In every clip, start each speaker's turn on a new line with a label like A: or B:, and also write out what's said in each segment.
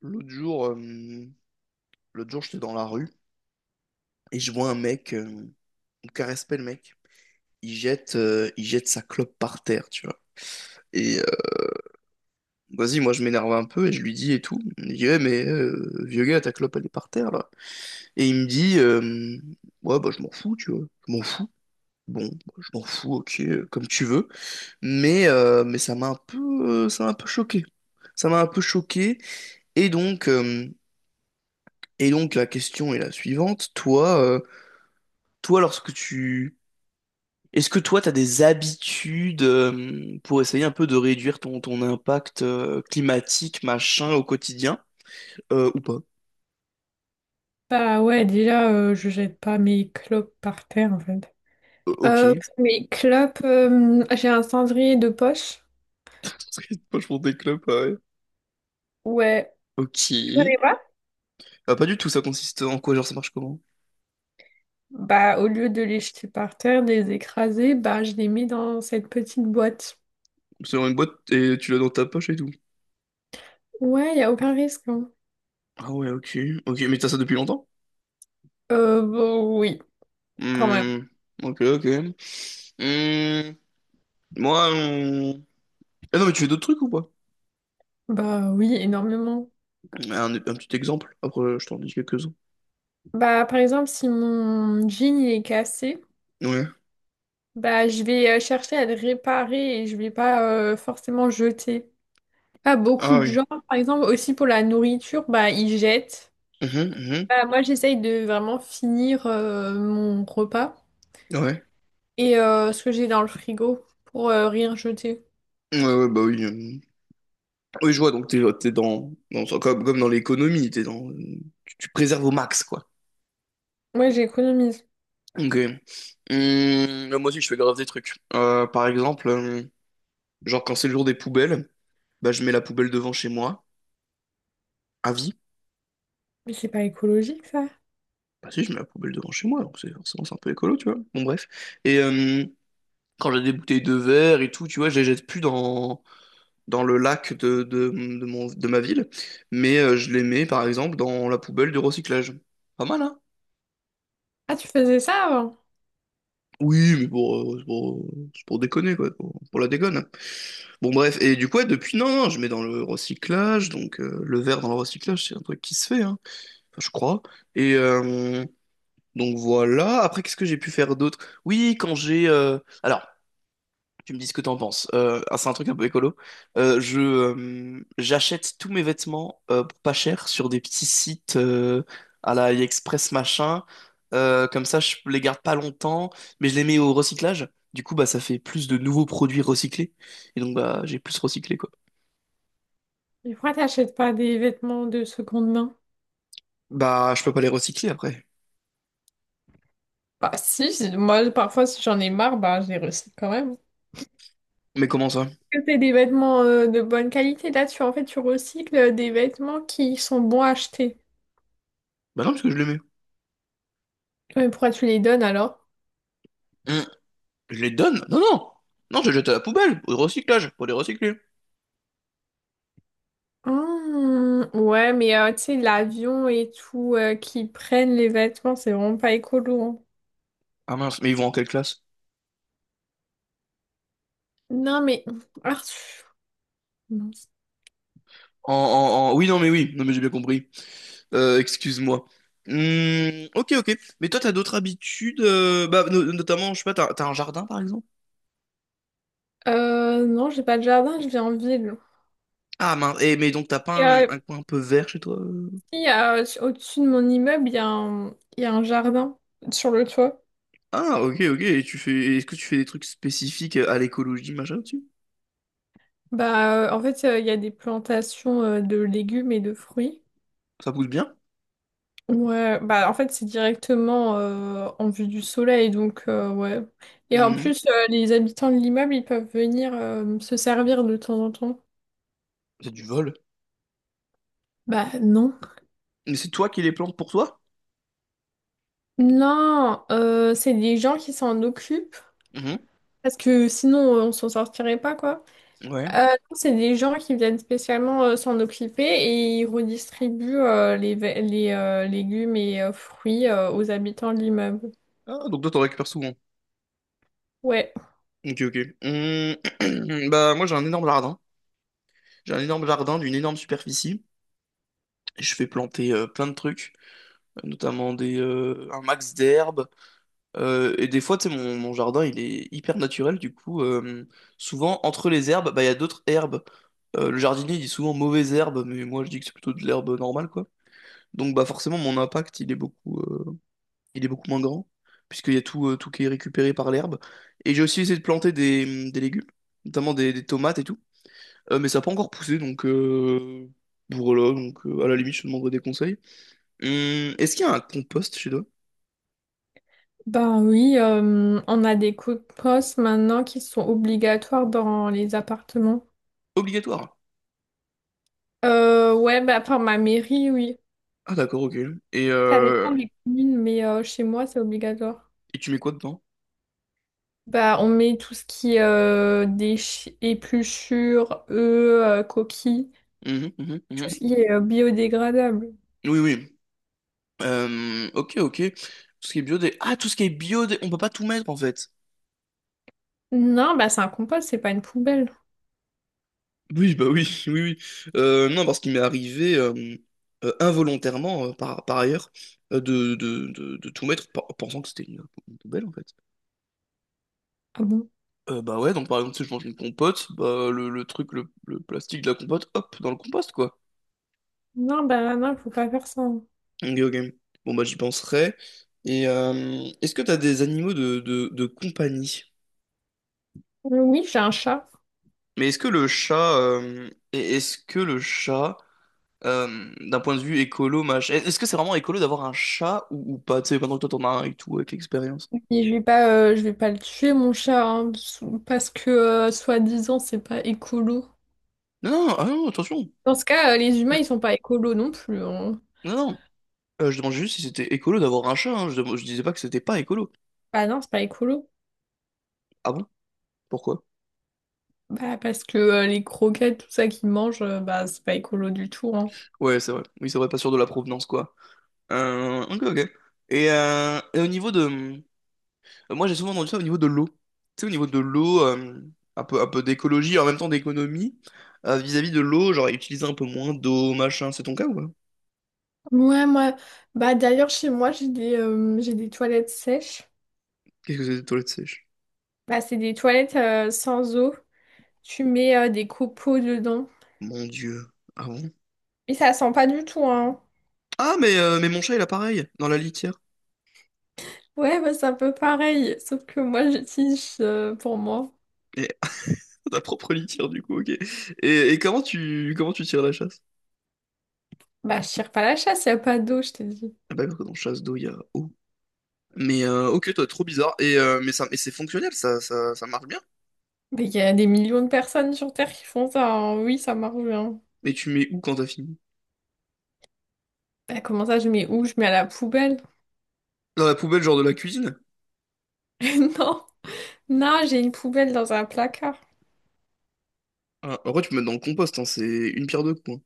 A: L'autre jour, l'autre jour, j'étais dans la rue et je vois un mec, on caresse pas le mec. Il jette sa clope par terre, tu vois. Et Vas-y, moi je m'énerve un peu et je lui dis et tout. Il me dit, ouais, mais vieux gars, ta clope elle est par terre là. Et il me dit, ouais, bah je m'en fous, tu vois. Je m'en fous. Bon, bah, je m'en fous, ok, comme tu veux. Mais, mais ça m'a un peu, ça m'a un peu choqué. Ça m'a un peu choqué. Et donc, euh, et donc la question est la suivante. Toi, lorsque tu est-ce que toi, tu as des habitudes pour essayer un peu de réduire ton impact climatique, machin, au quotidien? Ou pas?
B: Bah ouais, déjà, je jette pas mes clopes par terre, en fait.
A: Ok.
B: Euh, mes clopes, j'ai un cendrier de poche.
A: Moi, je prends des clubs, ah ouais.
B: Ouais.
A: Ok.
B: Tu connais pas?
A: Ah, pas du tout, ça consiste en quoi? Genre, ça marche comment?
B: Bah, au lieu de les jeter par terre, de les écraser, bah, je les mets dans cette petite boîte.
A: C'est dans une boîte et tu l'as dans ta poche et tout.
B: Ouais, y a aucun risque, hein.
A: Ah ouais, ok. Ok, mais t'as ça depuis longtemps?
B: Bon, oui, quand même.
A: Hmm. Ok, ok. Hmm. Moi, on- Ah non, mais tu fais d'autres trucs ou pas?
B: Bah oui, énormément.
A: Un petit exemple, après je t'en dis quelques-uns.
B: Bah, par exemple, si mon jean il est cassé,
A: Ouais.
B: bah, je vais chercher à le réparer et je vais pas forcément jeter. Pas beaucoup
A: Ah
B: de
A: oui.
B: gens, par exemple, aussi pour la nourriture, bah, ils jettent.
A: Mhm,
B: Bah, moi, j'essaye de vraiment finir mon repas
A: mhm. Ouais.
B: et ce que j'ai dans le frigo pour rien jeter.
A: Ouais, ouais, bah oui. Oui, je vois, donc comme, comme dans l'économie, t'es dans, tu préserves au max, quoi.
B: Moi, j'économise.
A: Ok. Moi aussi, je fais grave des trucs. Par exemple, genre quand c'est le jour des poubelles, bah je mets la poubelle devant chez moi, à vie.
B: Mais c'est pas écologique, ça.
A: Bah si, je mets la poubelle devant chez moi, donc c'est forcément c'est un peu écolo, tu vois. Bon, bref. Et euh, Quand j'ai des bouteilles de verre et tout, tu vois, je les jette plus dans le lac de de ma ville, mais je les mets, par exemple, dans la poubelle du recyclage. Pas mal, hein?
B: Ah, tu faisais ça avant?
A: Oui, mais c'est pour déconner, quoi, pour la déconne. Bon, bref, et du coup, ouais, depuis, non, non, je mets dans le recyclage, donc le verre dans le recyclage, c'est un truc qui se fait, hein. Enfin, je crois. Et euh, donc voilà, après, qu'est-ce que j'ai pu faire d'autre? Oui, alors, tu me dis ce que t'en penses. Ah, c'est un truc un peu écolo. Je J'achète tous mes vêtements pour pas cher sur des petits sites à la AliExpress machin. Comme ça, je les garde pas longtemps, mais je les mets au recyclage. Du coup, bah ça fait plus de nouveaux produits recyclés. Et donc bah j'ai plus recyclé quoi.
B: Et pourquoi t'achètes pas des vêtements de seconde main?
A: Bah je peux pas les recycler après.
B: Bah, si, si, moi, parfois, si j'en ai marre, bah, je les recycle quand même.
A: Mais comment ça?
B: Que t'es des vêtements de bonne qualité, là, tu, en fait, tu recycles des vêtements qui sont bons à acheter.
A: Bah non, parce que je les mets.
B: Ouais, mais pourquoi tu les donnes alors?
A: Hmm. Je les donne? Non, non! Non, je les jette à la poubelle, au recyclage, pour les recycler.
B: Mmh, ouais, mais tu sais, l'avion et tout, qui prennent les vêtements, c'est vraiment pas écolo, hein.
A: Ah mince, mais ils vont en quelle classe?
B: Non, mais... Ah, pff, mince.
A: Oui, oui, non, mais j'ai bien compris. Excuse-moi. Hmm, ok, ok. Mais toi, t'as d'autres habitudes, bah, notamment, je sais pas, t'as un jardin par exemple?
B: Non, j'ai pas de jardin, je vis en ville.
A: Ah mince. Eh, mais donc t'as pas
B: Et,
A: un, un coin un peu vert chez toi, euh?
B: il y a, au-dessus de mon immeuble, il y a un jardin sur le toit.
A: Ah ok, ok. Et tu fais, est-ce que tu fais des trucs spécifiques à l'écologie, machin, dessus?
B: Bah, en fait, il y a des plantations de légumes et de fruits.
A: Ça pousse bien?
B: Ouais, bah en fait c'est directement en vue du soleil, donc ouais. Et en
A: Mhm.
B: plus, les habitants de l'immeuble, ils peuvent venir se servir de temps en temps.
A: C'est du vol.
B: Bah non.
A: Mais c'est toi qui les plantes pour toi?
B: Non, c'est des gens qui s'en occupent,
A: Mhm.
B: parce que sinon on s'en sortirait pas, quoi.
A: Ouais.
B: Non, c'est des gens qui viennent spécialement s'en occuper et ils redistribuent les, ve- les légumes et fruits aux habitants de l'immeuble.
A: Ah, donc toi, t'en récupères souvent.
B: Ouais.
A: Ok, ok. Hmm. Bah, moi, j'ai un énorme jardin. J'ai un énorme jardin d'une énorme superficie. Je fais planter plein de trucs, notamment un max d'herbes. Et des fois, tu sais, mon jardin, il est hyper naturel. Du coup, souvent, entre les herbes, bah, il y a d'autres herbes. Le jardinier il dit souvent mauvaise herbe, mais moi, je dis que c'est plutôt de l'herbe normale, quoi. Donc, bah, forcément, mon impact, il est il est beaucoup moins grand, puisqu'il y a tout qui est récupéré par l'herbe. Et j'ai aussi essayé de planter des légumes, notamment des tomates et tout. Mais ça n'a pas encore poussé. Voilà, donc à la limite, je te demanderai des conseils. Est-ce qu'il y a un compost chez toi?
B: Ben oui, on a des coups de poste maintenant qui sont obligatoires dans les appartements.
A: Obligatoire.
B: Ouais, bah, par ma mairie, oui.
A: Ah d'accord, ok. Et,
B: Ça
A: euh,
B: dépend des communes, mais chez moi, c'est obligatoire.
A: et tu mets quoi dedans?
B: Bah, on met tout ce qui est épluchures, œufs, coquilles,
A: Mhm, mhm,
B: tout
A: mhm.
B: ce qui est biodégradable.
A: Oui, oui. Ok, ok. Tout ce qui est biodé. Ah, tout ce qui est biodé. On peut pas tout mettre en fait.
B: Non, bah c'est un compost, c'est pas une poubelle.
A: Oui, bah oui, oui, oui. Non, parce qu'il m'est arrivé involontairement, par, par ailleurs, de tout mettre pensant que c'était une poubelle en fait.
B: Ah bon?
A: Bah ouais, donc par exemple, si je mange une compote, bah le plastique de la compote, hop, dans le compost quoi.
B: Non, bah non, faut pas faire ça.
A: Ok, ok. Bon, bah, j'y penserai. Est-ce que t'as des animaux de compagnie?
B: Oui, j'ai un chat.
A: Mais est-ce que le chat, et est-ce que le chat, d'un point de vue écolo, machin, est-ce que c'est vraiment écolo d'avoir un chat ou pas? Tu sais, maintenant que toi t'en as un et tout, avec l'expérience.
B: Et je vais pas le tuer, mon chat, hein, parce que, soi-disant, c'est pas écolo.
A: Non, non, ah non, attention.
B: Dans ce cas, les humains,
A: Mm.
B: ils sont pas écolos non plus, hein.
A: Non, non. Je demandais juste si c'était écolo d'avoir un chat, hein. Je disais pas que c'était pas écolo.
B: Bah non, c'est pas écolo.
A: Ah bon? Pourquoi?
B: Bah parce que les croquettes, tout ça qu'ils mangent, bah c'est pas écolo du tout, hein.
A: Ouais, c'est vrai. Oui, c'est vrai, pas sûr de la provenance, quoi. Ok, ok. Et, euh, et au niveau de, Moi, j'ai souvent entendu ça au niveau de l'eau. Tu sais, au niveau de l'eau, un peu d'écologie, et en même temps d'économie, vis-à-vis de l'eau, genre utiliser un peu moins d'eau, machin. C'est ton cas ou pas?
B: Ouais, moi, bah d'ailleurs, chez moi, j'ai des toilettes sèches.
A: Qu'est-ce que c'est des toilettes sèches?
B: Bah c'est des toilettes sans eau. Tu mets des copeaux dedans.
A: Mon Dieu. Ah bon?
B: Et ça sent pas du tout, hein.
A: Ah, mais, mon chat, il a pareil, dans la litière.
B: Ouais, bah c'est un peu pareil, sauf que moi, j'utilise pour moi.
A: Et, ta propre litière, du coup, ok. Et, comment tu tires la chasse?
B: Bah, je tire pas la chasse, y a pas d'eau, je t'ai dit.
A: Ah bah, quand on chasse d'eau, il y a eau. Mais ok, toi, trop bizarre. Et, mais ça, mais c'est fonctionnel, ça marche bien.
B: Mais il y a des millions de personnes sur Terre qui font ça, hein. Oui, ça marche bien.
A: Mais tu mets où quand t'as fini?
B: Bah, comment ça, je mets où? Je mets à la poubelle.
A: Dans la poubelle, genre de la cuisine?
B: Non. Non, j'ai une poubelle dans un placard.
A: Ah, en vrai, tu peux mettre dans le compost, hein, c'est une pierre deux coups, hein.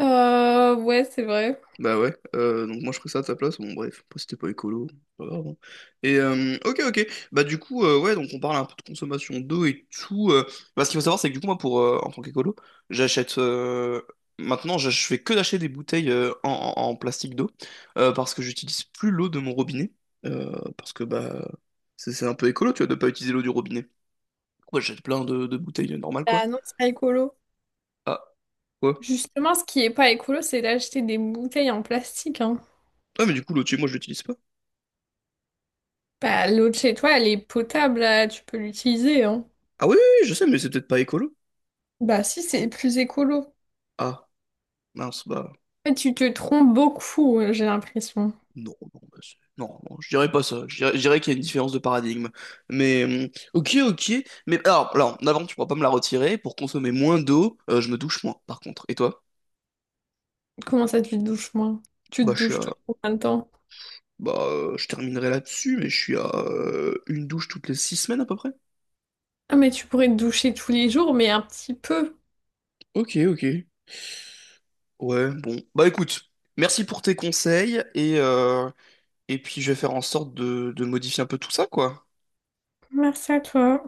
B: Ouais, c'est vrai.
A: Bah ouais, donc moi je ferais ça à ta place, bon bref, après, c'était pas écolo, c'est pas grave, hein. Ok ok, bah du coup ouais donc on parle un peu de consommation d'eau et tout, bah, ce qu'il faut savoir c'est que du coup moi pour en tant qu'écolo, j'achète maintenant je fais que d'acheter des bouteilles en plastique d'eau parce que j'utilise plus l'eau de mon robinet, euh, parce que bah c'est un peu écolo tu vois de pas utiliser l'eau du robinet. Ouais j'achète plein de bouteilles normales quoi.
B: Bah non, c'est pas écolo.
A: Ah quoi?
B: Justement, ce qui est pas écolo, c'est d'acheter des bouteilles en plastique, hein.
A: Ah mais du coup l'eau de chez moi je l'utilise pas.
B: Bah, l'eau de chez toi, elle est potable, là, tu peux l'utiliser, hein.
A: Ah oui, oui oui, je sais mais c'est peut-être pas écolo.
B: Bah si, c'est plus écolo.
A: Ah mince bah.
B: Mais tu te trompes beaucoup, j'ai l'impression.
A: Non, non, non, je dirais pas ça. Je dirais qu'il y a une différence de paradigme. Mais ok, ok. Mais alors, en avant, tu pourras pas me la retirer. Pour consommer moins d'eau, je me douche moins, par contre. Et toi?
B: Comment ça, tu te douches moins? Tu
A: Bah,
B: te
A: je suis
B: douches tout
A: à...
B: le temps.
A: Bah, je terminerai là-dessus, mais je suis à une douche toutes les 6 semaines à peu près.
B: Ah, mais tu pourrais te doucher tous les jours, mais un petit peu.
A: Ok, ok. Ouais, bon. Bah écoute, merci pour tes conseils et puis je vais faire en sorte de modifier un peu tout ça, quoi.
B: Merci à toi.